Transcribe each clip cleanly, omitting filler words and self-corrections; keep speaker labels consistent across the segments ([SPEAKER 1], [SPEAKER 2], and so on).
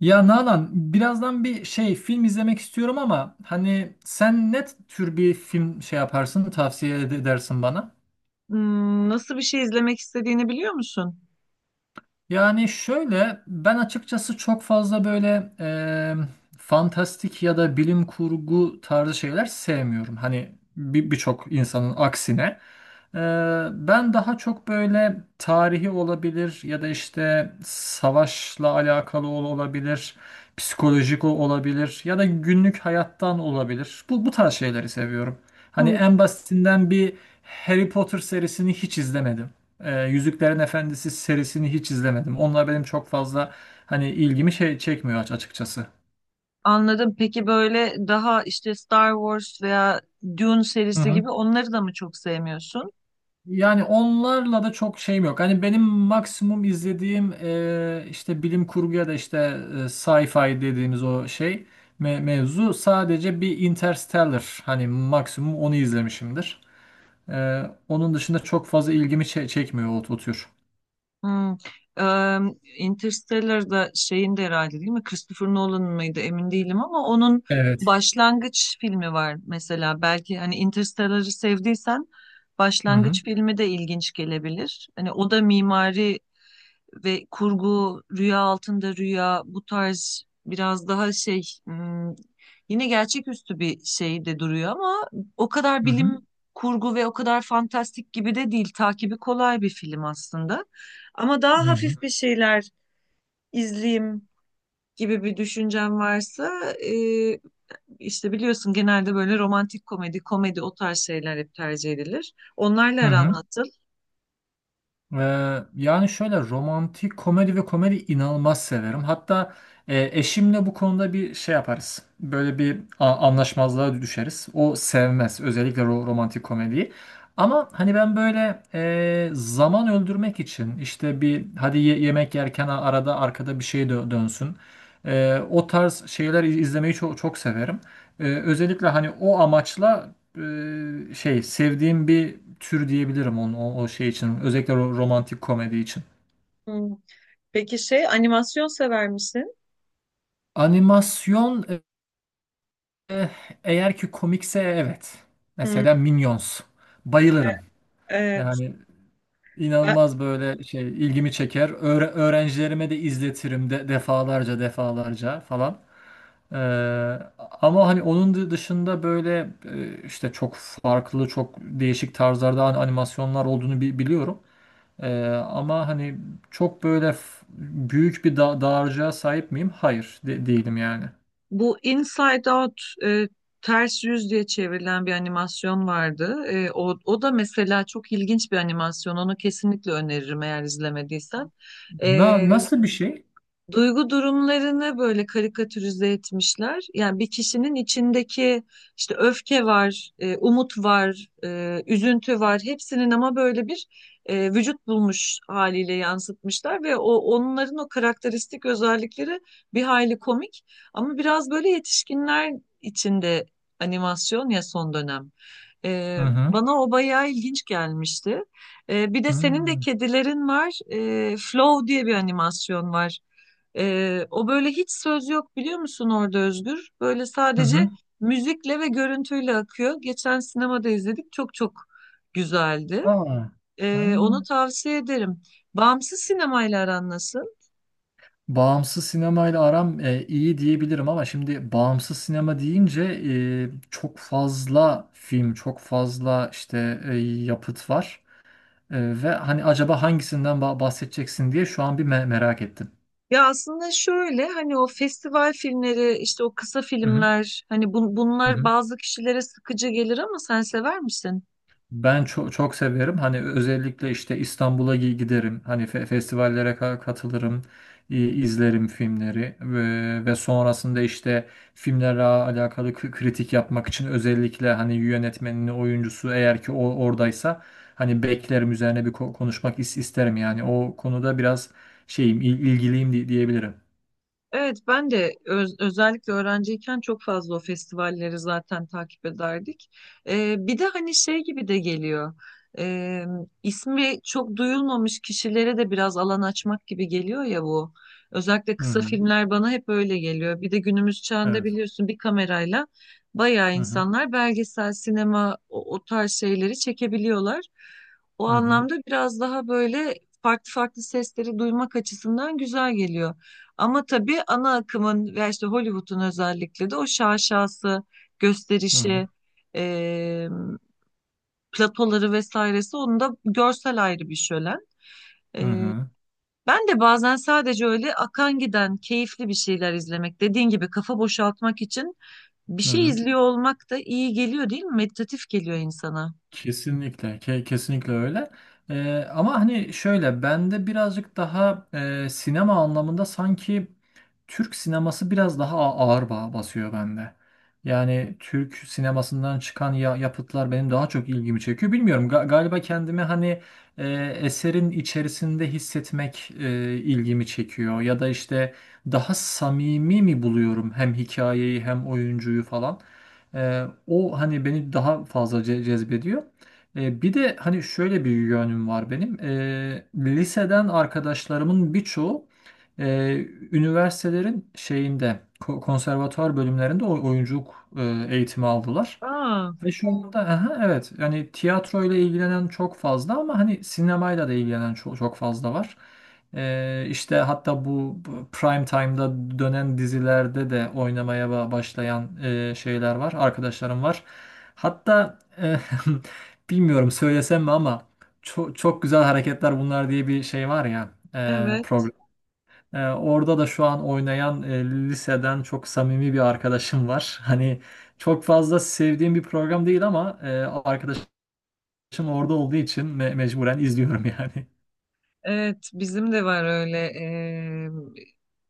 [SPEAKER 1] Ya Nalan, birazdan bir şey film izlemek istiyorum ama hani sen ne tür bir film yaparsın, tavsiye edersin bana?
[SPEAKER 2] Nasıl bir şey izlemek istediğini biliyor musun?
[SPEAKER 1] Yani şöyle ben açıkçası çok fazla böyle fantastik ya da bilim kurgu tarzı şeyler sevmiyorum. Hani birçok insanın aksine. E, Ben daha çok böyle tarihi olabilir ya da işte savaşla alakalı olabilir, psikolojik olabilir ya da günlük hayattan olabilir. Bu tarz şeyleri seviyorum. Hani
[SPEAKER 2] Hmm,
[SPEAKER 1] en basitinden bir Harry Potter serisini hiç izlemedim. Yüzüklerin Efendisi serisini hiç izlemedim. Onlar benim çok fazla hani ilgimi çekmiyor açıkçası.
[SPEAKER 2] Anladım. Peki böyle daha işte Star Wars veya Dune
[SPEAKER 1] Hı
[SPEAKER 2] serisi
[SPEAKER 1] hı.
[SPEAKER 2] gibi onları da mı çok sevmiyorsun?
[SPEAKER 1] Yani onlarla da çok şeyim yok. Hani benim maksimum izlediğim işte bilim kurgu ya da işte sci-fi dediğimiz o şey mevzu sadece bir Interstellar. Hani maksimum onu izlemişimdir. Onun dışında çok fazla ilgimi çekmiyor o tür.
[SPEAKER 2] Hmm. Eee Interstellar'da şeyin de herhalde değil mi? Christopher Nolan'ın mıydı? Emin değilim ama onun
[SPEAKER 1] Evet.
[SPEAKER 2] başlangıç filmi var mesela. Belki hani Interstellar'ı sevdiysen
[SPEAKER 1] Hı hı.
[SPEAKER 2] başlangıç filmi de ilginç gelebilir. Hani o da mimari ve kurgu, rüya altında rüya bu tarz biraz daha yine gerçeküstü bir şey de duruyor ama o kadar
[SPEAKER 1] Hı
[SPEAKER 2] bilim
[SPEAKER 1] hı.
[SPEAKER 2] kurgu ve o kadar fantastik gibi de değil. Takibi kolay bir film aslında. Ama
[SPEAKER 1] Hı
[SPEAKER 2] daha
[SPEAKER 1] hı.
[SPEAKER 2] hafif bir şeyler izleyeyim gibi bir düşüncem varsa e, işte biliyorsun genelde böyle romantik komedi, komedi o tarz şeyler hep tercih edilir. Onlarla
[SPEAKER 1] Hı
[SPEAKER 2] aran
[SPEAKER 1] hı.
[SPEAKER 2] nasıl?
[SPEAKER 1] Yani şöyle romantik komedi ve komedi inanılmaz severim. Hatta eşimle bu konuda bir şey yaparız. Böyle bir anlaşmazlığa düşeriz. O sevmez özellikle romantik komediyi. Ama hani ben böyle zaman öldürmek için işte bir hadi yemek yerken arada arkada bir şey dönsün. O tarz şeyler izlemeyi çok, çok severim. Özellikle hani o amaçla sevdiğim bir tür diyebilirim onu, o şey için. Özellikle romantik komedi için.
[SPEAKER 2] Hmm. Peki şey animasyon sever misin?
[SPEAKER 1] Animasyon e, eğer ki komikse evet.
[SPEAKER 2] Hmm.
[SPEAKER 1] Mesela Minions. Bayılırım.
[SPEAKER 2] Ee,
[SPEAKER 1] Yani
[SPEAKER 2] Ben-
[SPEAKER 1] inanılmaz böyle ilgimi çeker. Öğrencilerime de izletirim de defalarca defalarca falan. Ee, Ama hani onun dışında böyle işte çok farklı çok değişik tarzlarda animasyonlar olduğunu biliyorum. Ama hani çok böyle büyük bir dağarcığa sahip miyim? Hayır, değilim yani.
[SPEAKER 2] Bu Inside Out ters yüz diye çevrilen bir animasyon vardı. O da mesela çok ilginç bir animasyon. Onu kesinlikle öneririm eğer izlemediysen. E,
[SPEAKER 1] Nasıl bir şey?
[SPEAKER 2] Duygu durumlarını böyle karikatürize etmişler. Yani bir kişinin içindeki işte öfke var, umut var, üzüntü var. Hepsinin ama böyle bir vücut bulmuş haliyle yansıtmışlar ve o onların o karakteristik özellikleri bir hayli komik ama biraz böyle yetişkinler içinde animasyon ya son dönem. E,
[SPEAKER 1] Hı hı.
[SPEAKER 2] Bana o bayağı ilginç gelmişti. E, bir de
[SPEAKER 1] Hı
[SPEAKER 2] senin de kedilerin var. E, Flow diye bir animasyon var. O böyle hiç söz yok biliyor musun orada Özgür? Böyle
[SPEAKER 1] hı.
[SPEAKER 2] sadece
[SPEAKER 1] Hı.
[SPEAKER 2] müzikle ve görüntüyle akıyor. Geçen sinemada izledik. Çok çok güzeldi.
[SPEAKER 1] Aa. Ha.
[SPEAKER 2] Onu tavsiye ederim. Bağımsız sinemayla aran nasıl?
[SPEAKER 1] Bağımsız sinemayla aram iyi diyebilirim ama şimdi bağımsız sinema deyince çok fazla film, çok fazla işte yapıt var. Ve hani acaba hangisinden bahsedeceksin diye şu an bir merak ettim.
[SPEAKER 2] Ya aslında şöyle hani o festival filmleri işte o kısa
[SPEAKER 1] Hı hı.
[SPEAKER 2] filmler
[SPEAKER 1] Hı
[SPEAKER 2] bunlar
[SPEAKER 1] hı.
[SPEAKER 2] bazı kişilere sıkıcı gelir ama sen sever misin?
[SPEAKER 1] Ben çok çok severim. Hani özellikle işte İstanbul'a giderim. Hani festivallere katılırım, izlerim filmleri ve sonrasında işte filmlerle alakalı kritik yapmak için özellikle hani yönetmenini, oyuncusu eğer ki o oradaysa hani beklerim üzerine bir konuşmak isterim yani. O konuda biraz şeyim, ilgiliyim diyebilirim.
[SPEAKER 2] Evet ben de özellikle öğrenciyken çok fazla o festivalleri zaten takip ederdik. Bir de hani şey gibi de geliyor. Ee, ismi çok duyulmamış kişilere de biraz alan açmak gibi geliyor ya bu. Özellikle
[SPEAKER 1] Hı
[SPEAKER 2] kısa
[SPEAKER 1] hı.
[SPEAKER 2] filmler bana hep öyle geliyor. Bir de günümüz çağında
[SPEAKER 1] Evet.
[SPEAKER 2] biliyorsun bir kamerayla bayağı
[SPEAKER 1] Hı hı.
[SPEAKER 2] insanlar belgesel, sinema o tarz şeyleri çekebiliyorlar. O
[SPEAKER 1] Hı hı.
[SPEAKER 2] anlamda biraz daha böyle farklı farklı sesleri duymak açısından güzel geliyor. Ama tabii ana akımın ve işte Hollywood'un özellikle de o şaşası,
[SPEAKER 1] Hı hı.
[SPEAKER 2] gösterişi, e, platoları vesairesi onun da görsel ayrı bir şölen.
[SPEAKER 1] Hı
[SPEAKER 2] E,
[SPEAKER 1] hı.
[SPEAKER 2] Ben de bazen sadece öyle akan giden keyifli bir şeyler izlemek, dediğin gibi kafa boşaltmak için bir
[SPEAKER 1] Hı
[SPEAKER 2] şey
[SPEAKER 1] hı.
[SPEAKER 2] izliyor olmak da iyi geliyor değil mi? Meditatif geliyor insana.
[SPEAKER 1] Kesinlikle, kesinlikle öyle. Ama hani şöyle, bende birazcık daha sinema anlamında sanki Türk sineması biraz daha ağır basıyor bende. Yani Türk sinemasından çıkan yapıtlar benim daha çok ilgimi çekiyor. Bilmiyorum, galiba kendimi hani e, eserin içerisinde hissetmek ilgimi çekiyor. Ya da işte daha samimi mi buluyorum hem hikayeyi hem oyuncuyu falan. O hani beni daha fazla cezbediyor. Bir de hani şöyle bir yönüm var benim. Liseden arkadaşlarımın birçoğu e, üniversitelerin şeyinde konservatuar bölümlerinde oyunculuk eğitimi aldılar.
[SPEAKER 2] Aa,
[SPEAKER 1] Ve şu anda aha, evet yani tiyatro ile ilgilenen çok fazla ama hani sinemayla da ilgilenen çok, çok fazla var. İşte hatta bu prime time'da dönen dizilerde de oynamaya başlayan şeyler var, arkadaşlarım var. Hatta bilmiyorum söylesem mi ama çok, çok güzel hareketler bunlar diye bir şey var ya
[SPEAKER 2] evet.
[SPEAKER 1] program. Orada da şu an oynayan liseden çok samimi bir arkadaşım var. Hani çok fazla sevdiğim bir program değil ama arkadaşım orada olduğu için mecburen izliyorum yani.
[SPEAKER 2] Evet, bizim de var öyle.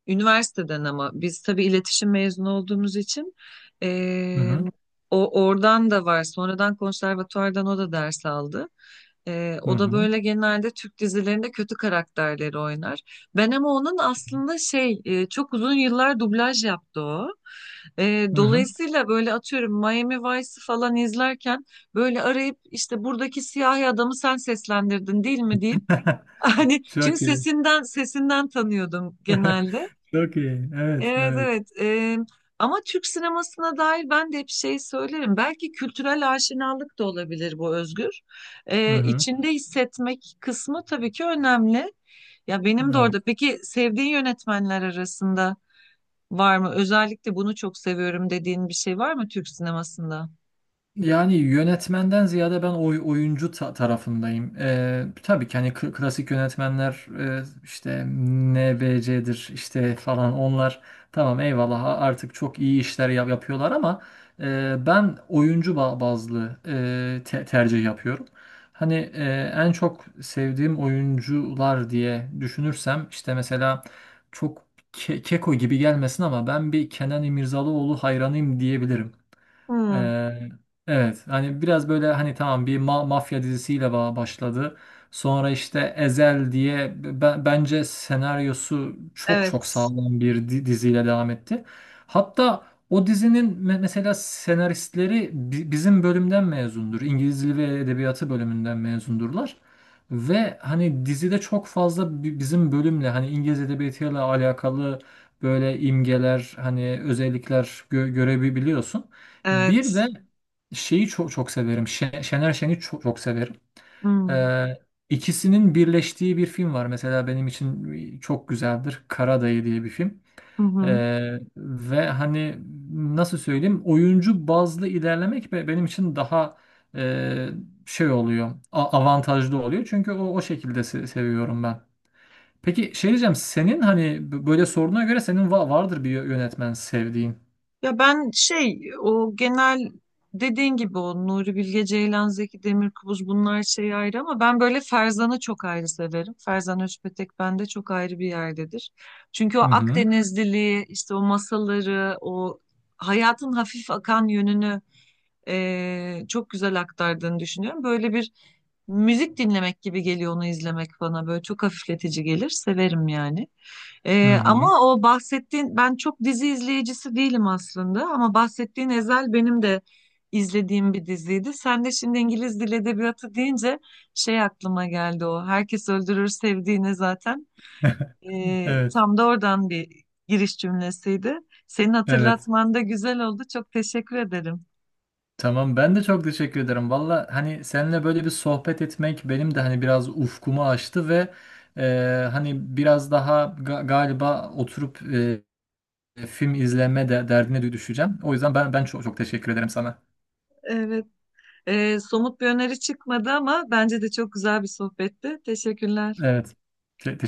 [SPEAKER 2] Üniversiteden ama biz tabii iletişim mezunu olduğumuz için
[SPEAKER 1] Hı
[SPEAKER 2] eee,
[SPEAKER 1] hı.
[SPEAKER 2] o oradan da var. Sonradan konservatuvardan o da ders aldı.
[SPEAKER 1] Hı
[SPEAKER 2] O da
[SPEAKER 1] hı.
[SPEAKER 2] böyle genelde Türk dizilerinde kötü karakterleri oynar. Ben ama onun aslında çok uzun yıllar dublaj yaptı o.
[SPEAKER 1] Hı hı.
[SPEAKER 2] Dolayısıyla böyle atıyorum Miami Vice'ı falan izlerken böyle arayıp işte buradaki siyahi adamı sen seslendirdin değil mi deyip Hani çünkü
[SPEAKER 1] Çok iyi.
[SPEAKER 2] sesinden tanıyordum genelde.
[SPEAKER 1] Çok iyi. Evet,
[SPEAKER 2] Evet
[SPEAKER 1] evet.
[SPEAKER 2] evet. Ama Türk sinemasına dair ben de hep şey söylerim. Belki kültürel aşinalık da olabilir bu Özgür.
[SPEAKER 1] Hı hı.
[SPEAKER 2] İçinde hissetmek kısmı tabii ki önemli. Ya benim de
[SPEAKER 1] Evet.
[SPEAKER 2] orada. Peki sevdiğin yönetmenler arasında var mı? Özellikle bunu çok seviyorum dediğin bir şey var mı Türk sinemasında?
[SPEAKER 1] Yani yönetmenden ziyade ben oyuncu tarafındayım. Tabii ki hani klasik yönetmenler işte NBC'dir işte falan onlar tamam eyvallah artık çok iyi işler yapıyorlar ama ben oyuncu bazlı tercih yapıyorum. Hani en çok sevdiğim oyuncular diye düşünürsem işte mesela çok keko gibi gelmesin ama ben bir Kenan İmirzalıoğlu hayranıyım diyebilirim.
[SPEAKER 2] Hmm,
[SPEAKER 1] Ee, evet hani biraz böyle hani tamam bir mafya dizisiyle başladı. Sonra işte Ezel diye bence senaryosu çok çok
[SPEAKER 2] evet.
[SPEAKER 1] sağlam bir diziyle devam etti. Hatta o dizinin mesela senaristleri bizim bölümden mezundur. İngiliz Dili ve Edebiyatı bölümünden mezundurlar. Ve hani dizide çok fazla bizim bölümle hani İngiliz edebiyatıyla alakalı böyle imgeler hani özellikler görebiliyorsun. Bir de
[SPEAKER 2] Evet.
[SPEAKER 1] çok çok severim. Şener Şen'i çok, çok severim.
[SPEAKER 2] Hmm.
[SPEAKER 1] Ee, ikisinin birleştiği bir film var. Mesela benim için çok güzeldir. Karadayı diye bir film.
[SPEAKER 2] Hı hı.
[SPEAKER 1] Ve hani nasıl söyleyeyim oyuncu bazlı ilerlemek benim için daha e, oluyor. A avantajlı oluyor. Çünkü o şekilde seviyorum ben. Peki şey diyeceğim senin hani böyle sorduğuna göre senin vardır bir yönetmen sevdiğin.
[SPEAKER 2] Ya ben şey o genel dediğin gibi o Nuri Bilge Ceylan, Zeki Demirkubuz bunlar şey ayrı ama ben böyle Ferzan'ı çok ayrı severim. Ferzan Özpetek bende çok ayrı bir yerdedir. Çünkü o
[SPEAKER 1] Hı hı.
[SPEAKER 2] Akdenizliliği işte o masalları o hayatın hafif akan yönünü çok güzel aktardığını düşünüyorum. Böyle bir müzik dinlemek gibi geliyor onu izlemek bana böyle çok hafifletici gelir severim yani.
[SPEAKER 1] Hı hı.
[SPEAKER 2] Ama o bahsettiğin ben çok dizi izleyicisi değilim aslında ama bahsettiğin Ezel benim de izlediğim bir diziydi. Sen de şimdi İngiliz Dil Edebiyatı deyince şey aklıma geldi o. Herkes öldürür sevdiğini zaten.
[SPEAKER 1] Evet.
[SPEAKER 2] Tam da oradan bir giriş cümlesiydi. Senin
[SPEAKER 1] Evet.
[SPEAKER 2] hatırlatman da güzel oldu. Çok teşekkür ederim.
[SPEAKER 1] Tamam ben de çok teşekkür ederim. Valla hani seninle böyle bir sohbet etmek benim de hani biraz ufkumu açtı ve hani biraz daha galiba oturup film izleme de derdine düşeceğim. O yüzden ben çok çok teşekkür ederim sana.
[SPEAKER 2] Evet. Somut bir öneri çıkmadı ama bence de çok güzel bir sohbetti. Teşekkürler.
[SPEAKER 1] Evet. Te-